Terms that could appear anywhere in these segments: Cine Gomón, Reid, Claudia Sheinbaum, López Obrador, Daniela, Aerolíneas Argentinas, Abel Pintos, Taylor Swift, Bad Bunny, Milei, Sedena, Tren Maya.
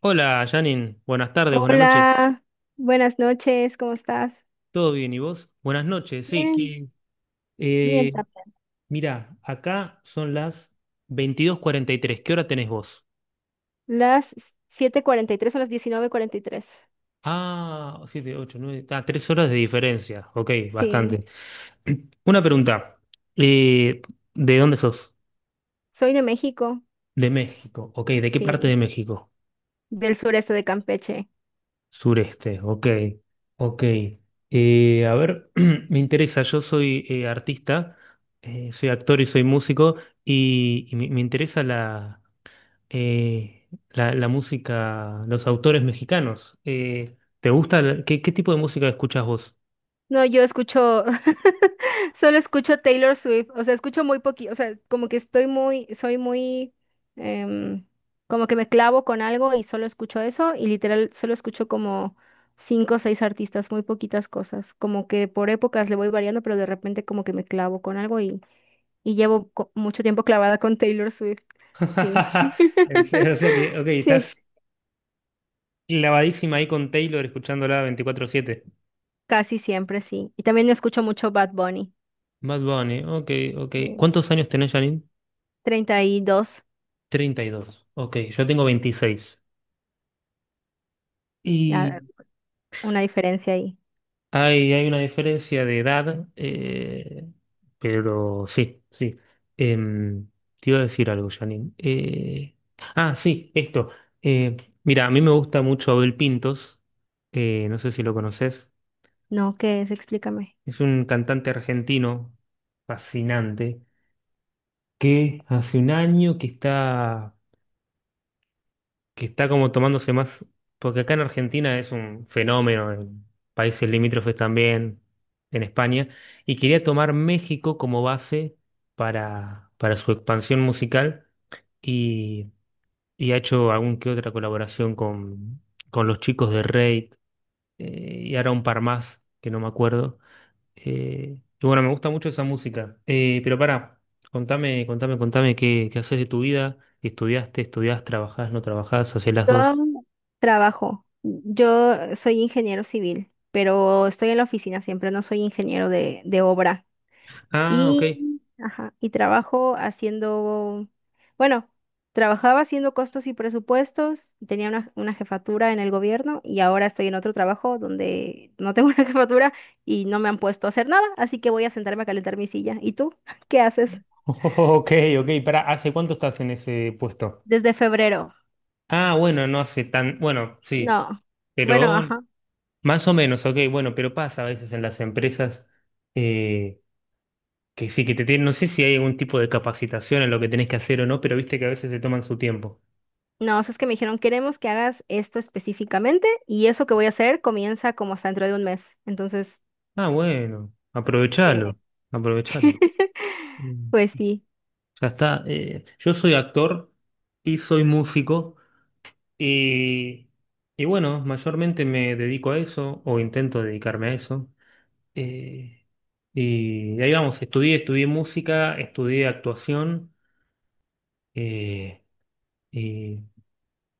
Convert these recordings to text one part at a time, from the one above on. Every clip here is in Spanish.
Hola, Janin. Buenas tardes, buenas noches. Hola, buenas noches, ¿cómo estás? ¿Todo bien? ¿Y vos? Buenas noches, sí. Bien, bien eh, también. Mirá, acá son las 22:43. ¿Qué hora tenés vos? Las 7:43 o las 19:43. Ah, 7, 8, 9. Ah, 3 horas de diferencia. Ok, Sí, bastante. Una pregunta. Eh, ¿De dónde sos? soy de México, De México. Ok, ¿de qué parte de sí, México? del sureste de Campeche. Sureste, ok, ok. A ver, me interesa, yo soy, artista, soy actor y soy músico, y me interesa la música, los autores mexicanos. ¿Te gusta? ¿Qué tipo de música escuchas vos? No, yo escucho, solo escucho Taylor Swift, o sea, escucho muy poquito, o sea, como que estoy muy, soy muy, em, como que me clavo con algo y solo escucho eso y literal solo escucho como cinco o seis artistas, muy poquitas cosas, como que por épocas le voy variando, pero de repente como que me clavo con algo y llevo mucho tiempo clavada con Taylor Swift, sí, En serio. O sea que, ok, sí, estás clavadísima ahí con Taylor escuchándola 24/7. casi siempre sí. Y también escucho mucho Bad Bunny. Bad Bunny, ok, ok. mm, ¿Cuántos años tenés, Janine? 32. 32. Ok, yo tengo 26. Y Una diferencia ahí. Hay, hay una diferencia de edad, pero sí, sí. Em, Te iba a decir algo, Janine. Ah, sí, esto. Eh, Mira, a mí me gusta mucho Abel Pintos. No sé si lo conoces. No, ¿qué es? Explícame. Es un cantante argentino fascinante que hace un año que está como tomándose más, porque acá en Argentina es un fenómeno, en países limítrofes también, en España, y quería tomar México como base para, su expansión musical y, ha hecho algún que otra colaboración con, los chicos de Reid. Y ahora un par más que no me acuerdo. Y bueno, me gusta mucho esa música. Pero para contame, contame qué, haces de tu vida. Si ¿estudiaste, estudiás, trabajás, no trabajás, hacés las dos? Yo trabajo. Yo soy ingeniero civil, pero estoy en la oficina siempre, no soy ingeniero de obra. Ah, ok. Y, ajá, y trabajo haciendo, bueno, trabajaba haciendo costos y presupuestos, tenía una jefatura en el gobierno y ahora estoy en otro trabajo donde no tengo una jefatura y no me han puesto a hacer nada, así que voy a sentarme a calentar mi silla. ¿Y tú? ¿Qué haces? Ok, ok, para, ¿hace cuánto estás en ese puesto? Desde febrero. Ah, bueno, no hace tan, bueno, sí, No. Bueno, pero ajá. más o menos, ok, bueno, pero pasa a veces en las empresas, eh, que sí, que te tienen, no sé si hay algún tipo de capacitación en lo que tenés que hacer o no, pero viste que a veces se toman su tiempo. No, o sea, es que me dijeron, queremos que hagas esto específicamente y eso que voy a hacer comienza como hasta dentro de un mes. Entonces, Ah, bueno, aprovechalo, sí. aprovechalo. Mm. Pues sí, Ya está. Yo soy actor y soy músico. Y, y bueno, mayormente me dedico a eso o intento dedicarme a eso. Eh, y ahí vamos, estudié música, estudié actuación, eh, y,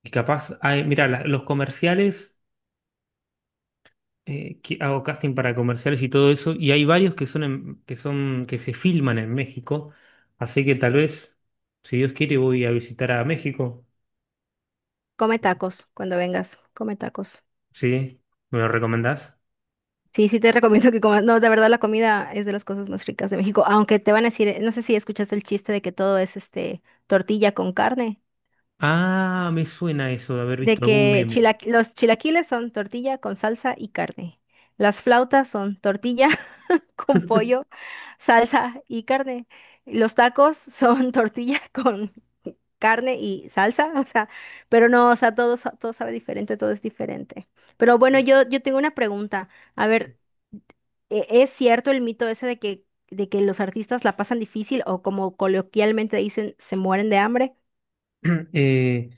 y capaz, mira, los comerciales, que hago casting para comerciales y todo eso, y hay varios que son, que se filman en México, así que tal vez, si Dios quiere, voy a visitar a México, come tacos cuando vengas, come tacos. ¿sí? ¿Me lo recomendás? Sí, sí te recomiendo que comas. No, de verdad la comida es de las cosas más ricas de México, aunque te van a decir, no sé si escuchaste el chiste de que todo es este tortilla con carne, Ah, me suena eso de haber de visto algún que meme. Los chilaquiles son tortilla con salsa y carne. Las flautas son tortilla con pollo, salsa y carne. Los tacos son tortilla con carne y salsa, o sea, pero no, o sea, todo, todo sabe diferente, todo es diferente. Pero bueno, Sí. yo tengo una pregunta. A ver, ¿es cierto el mito ese de que, los artistas la pasan difícil o como coloquialmente dicen, se mueren de hambre? Eh,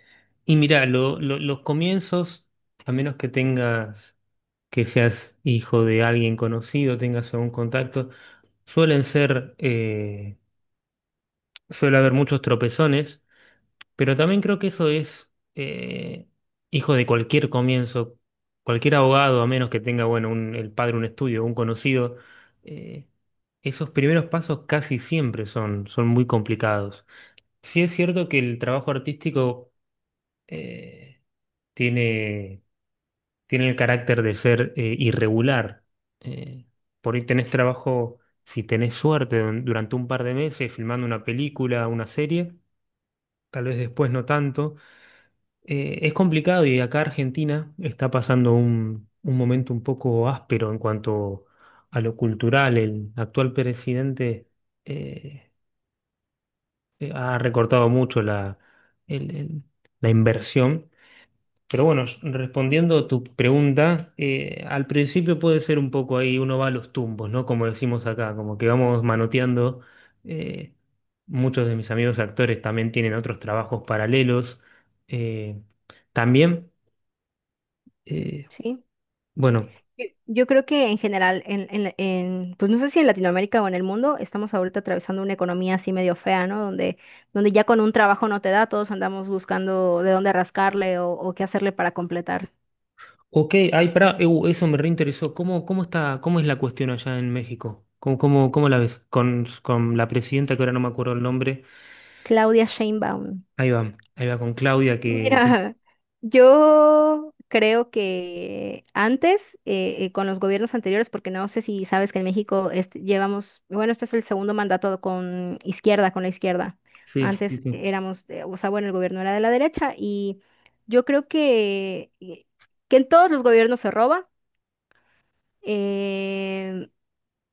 y mira, los comienzos, a menos que tengas, que seas hijo de alguien conocido, tengas algún contacto, suelen ser, suele haber muchos tropezones, pero también creo que eso es, hijo de cualquier comienzo, cualquier abogado, a menos que tenga, bueno, el padre, un estudio, un conocido, eh, esos primeros pasos casi siempre son, muy complicados. Sí es cierto que el trabajo artístico, eh, tiene, el carácter de ser, irregular. Eh, por ahí tenés trabajo, si tenés suerte, durante un par de meses filmando una película, una serie, tal vez después no tanto. Es complicado y acá Argentina está pasando un, momento un poco áspero en cuanto a lo cultural. El actual presidente, eh, ha recortado mucho el- el- la inversión. Pero bueno, respondiendo a tu pregunta, al principio puede ser un poco ahí, uno va a los tumbos, ¿no? Como decimos acá, como que vamos manoteando. eh, Muchos de mis amigos actores también tienen otros trabajos paralelos. eh, También, eh, Sí. bueno, Yo creo que en general, en, pues no sé si en Latinoamérica o en el mundo, estamos ahorita atravesando una economía así medio fea, ¿no? Donde ya con un trabajo no te da, todos andamos buscando de dónde rascarle o qué hacerle para completar. ok, ay, pará, eso me reinteresó. ¿Cómo está, cómo es la cuestión allá en México? ¿Cómo la ves? Con, la presidenta, que ahora no me acuerdo el nombre. Claudia Sheinbaum. Ahí va con Claudia, que... Mira, yo creo que antes, con los gobiernos anteriores, porque no sé si sabes que en México este, llevamos, bueno, este es el segundo mandato con izquierda, con la izquierda. Sí. Sí, sí, Antes sí. éramos, o sea, bueno, el gobierno era de la derecha y yo creo que en todos los gobiernos se roba. eh,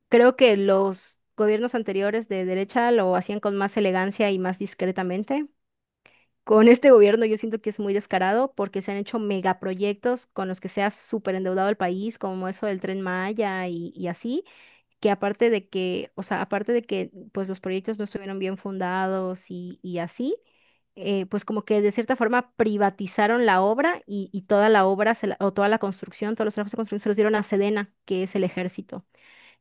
Creo que los gobiernos anteriores de derecha lo hacían con más elegancia y más discretamente. Con este gobierno yo siento que es muy descarado porque se han hecho megaproyectos con los que se ha súper endeudado el país, como eso del Tren Maya y así, que aparte de que, o sea, aparte de que pues los proyectos no estuvieron bien fundados y así, pues como que de cierta forma privatizaron la obra y toda la obra o toda la construcción, todos los trabajos de construcción se los dieron a Sedena, que es el ejército.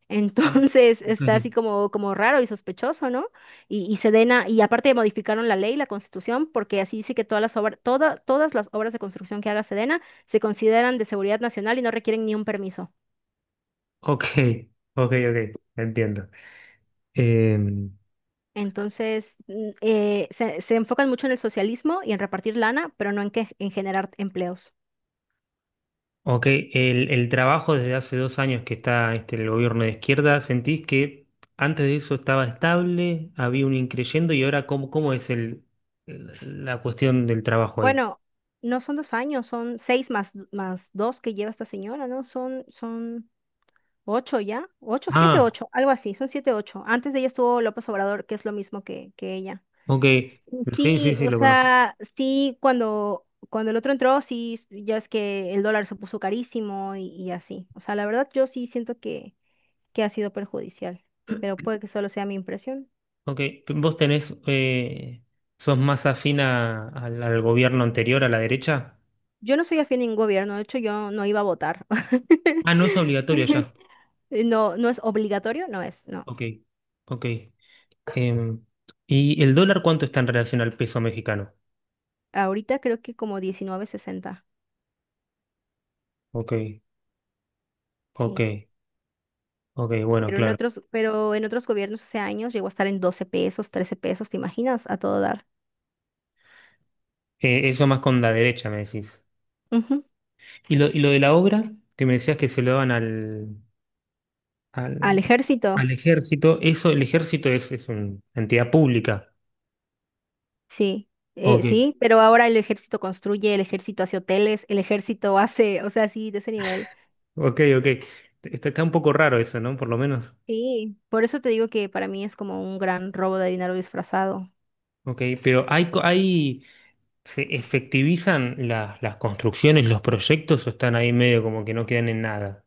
Entonces está así Ok. como raro y sospechoso, ¿no? Y aparte modificaron la ley, la constitución, porque así dice que todas las obras de construcción que haga Sedena se consideran de seguridad nacional y no requieren ni un permiso. Ok, ok, ok, entiendo. Em, Entonces, se enfocan mucho en el socialismo y en repartir lana, pero no en que, en generar empleos. ok, el trabajo desde hace 2 años que está este, el gobierno de izquierda, ¿sentís que antes de eso estaba estable, había un increyendo y ahora cómo es la cuestión del trabajo ahí? Bueno, no son 2 años, son seis más dos que lleva esta señora, ¿no? Son ocho ya, ocho, siete, Ah, ocho, algo así, son siete, ocho. Antes de ella estuvo López Obrador, que es lo mismo que ella. ok, Y sí, sí, sí, sí, o lo conozco. sea, sí, cuando el otro entró, sí, ya es que el dólar se puso carísimo y así. O sea, la verdad yo sí siento que ha sido perjudicial, pero puede que solo sea mi impresión. Ok, ¿vos tenés, sos más afina al gobierno anterior, a la derecha? Yo no soy afín a ningún gobierno, de hecho yo no iba a votar. Ah, no es obligatorio ya. No, no es obligatorio, no es, no. Ok, ok. Em, ¿Y el dólar cuánto está en relación al peso mexicano? Ahorita creo que como 19.60, Ok, ok, sí. ok, bueno, claro. Pero en otros gobiernos hace años llegó a estar en 12 pesos, 13 pesos, ¿te imaginas? A todo dar. Eso más con la derecha, me decís. Ujú. ¿Y lo, de la obra que me decías que se lo daban Al al, al ejército, ejército? Eso, el ejército es, una entidad pública. sí. Ok, Sí, pero ahora el ejército construye, el ejército hace hoteles, el ejército hace, o sea, sí, de ese nivel. ok, ok. Está, un poco raro eso, ¿no? Por lo menos. Sí, por eso te digo que para mí es como un gran robo de dinero disfrazado. Ok, pero ¿hay, se efectivizan las, construcciones, los proyectos o están ahí medio como que no quedan en nada?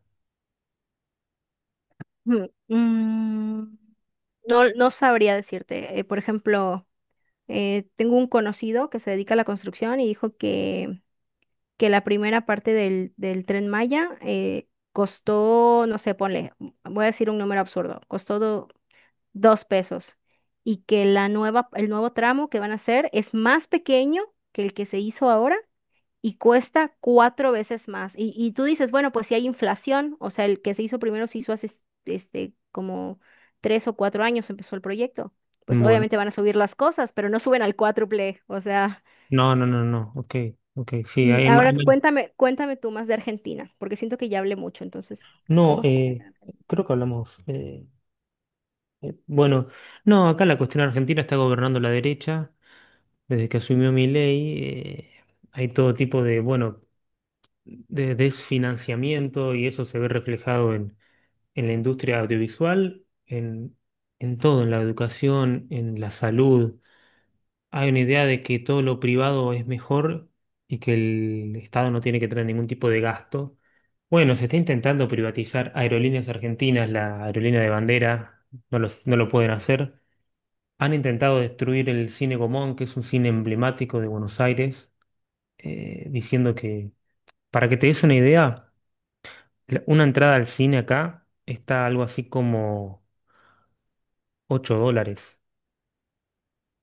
Mm, mm, no, no sabría decirte. Por ejemplo, tengo un conocido que se dedica a la construcción y dijo que la primera parte del Tren Maya costó, no sé, ponle, voy a decir un número absurdo, costó 2 pesos y que el nuevo tramo que van a hacer es más pequeño que el que se hizo ahora y cuesta cuatro veces más. Y tú dices, bueno, pues si hay inflación, o sea, el que se hizo primero se hizo hace este, como 3 o 4 años empezó el proyecto. Pues Bueno. obviamente van a subir las cosas, pero no suben al cuádruple, o sea. No, no, no, no. Ok, ok. Sí, Y ahora cuéntame, cuéntame tú más de Argentina, porque siento que ya hablé mucho, entonces, no, ¿cómo está? Creo que hablamos. Bueno, no, acá la cuestión argentina está gobernando la derecha. Desde que asumió Milei, hay todo tipo de, bueno, de desfinanciamiento y eso se ve reflejado en, la industria audiovisual, en, todo, en la educación, en la salud. Hay una idea de que todo lo privado es mejor y que el Estado no tiene que tener ningún tipo de gasto. Bueno, se está intentando privatizar Aerolíneas Argentinas, la aerolínea de bandera, no lo, pueden hacer. Han intentado destruir el Cine Gomón, que es un cine emblemático de Buenos Aires, diciendo que, para que te des una idea, una entrada al cine acá está algo así como $8.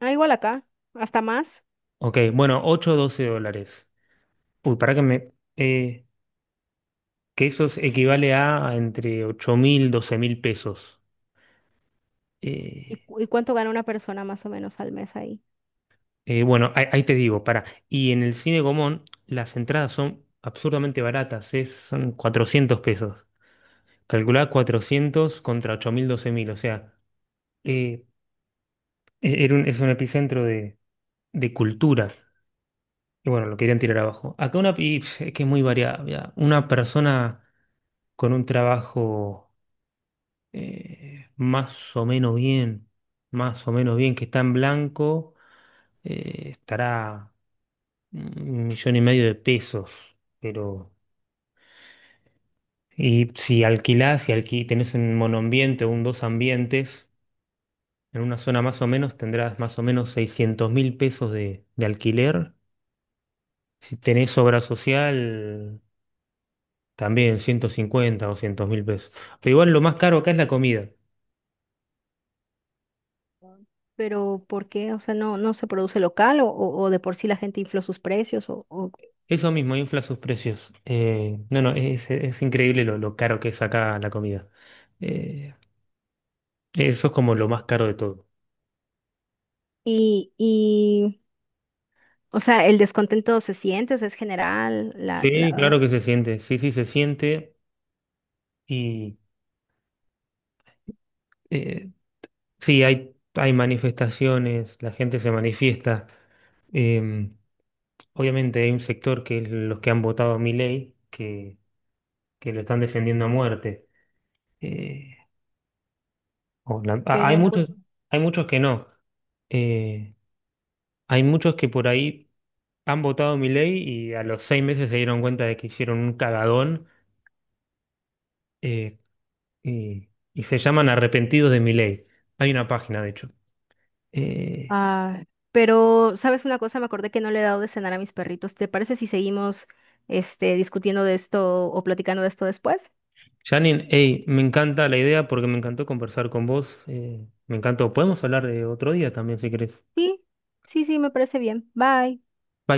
Ah, igual acá, hasta más. Ok, bueno, 8 o $12. Uy, para que me... que eso equivale a entre 8.000, 12.000 pesos. Eh, ¿Y cuánto gana una persona más o menos al mes ahí? Bueno, ahí, te digo, para. Y en el cine Gomón las entradas son absurdamente baratas, son 400 pesos. Calculá 400 contra 8.000, 12.000, o sea, eh, es un epicentro de, cultura. Y bueno, lo querían tirar abajo. Acá una, es que es muy variable. Ah. Una persona con un trabajo, más o menos bien, más o menos bien, que está en blanco, estará 1.500.000 de pesos, pero y si alquilás, si alquí, tenés un monoambiente o un dos ambientes, en una zona más o menos tendrás más o menos 600.000 pesos de, alquiler. Si tenés obra social, también 150 o 200 mil pesos. Pero igual lo más caro acá es la comida. Pero ¿por qué? O sea, no se produce local o, o de por sí la gente infló sus precios o. Eso mismo, infla sus precios. No, no, es, increíble lo, caro que es acá la comida. Eh, Eso es como lo más caro de todo. y, y, o sea, el descontento se siente, o sea, es general, Sí, claro que se siente, sí, sí, se siente y, eh, sí, hay, manifestaciones, la gente se manifiesta. Eh, Obviamente hay un sector que es los que han votado a Milei, que, lo están defendiendo a muerte. Eh, Hay pero muchos, pues, que no. Eh, Hay muchos que por ahí Han votado mi ley y a los 6 meses se dieron cuenta de que hicieron un cagadón, eh, y, y se llaman Arrepentidos de mi ley. Hay una página, de hecho. Eh, ah, ¿sabes una cosa? Me acordé que no le he dado de cenar a mis perritos. ¿Te parece si seguimos, discutiendo de esto o platicando de esto después? Janine, hey, me encanta la idea porque me encantó conversar con vos. Me encantó. Podemos hablar de otro día también, si querés. Sí, sí, sí, me parece bien. Bye. Bye.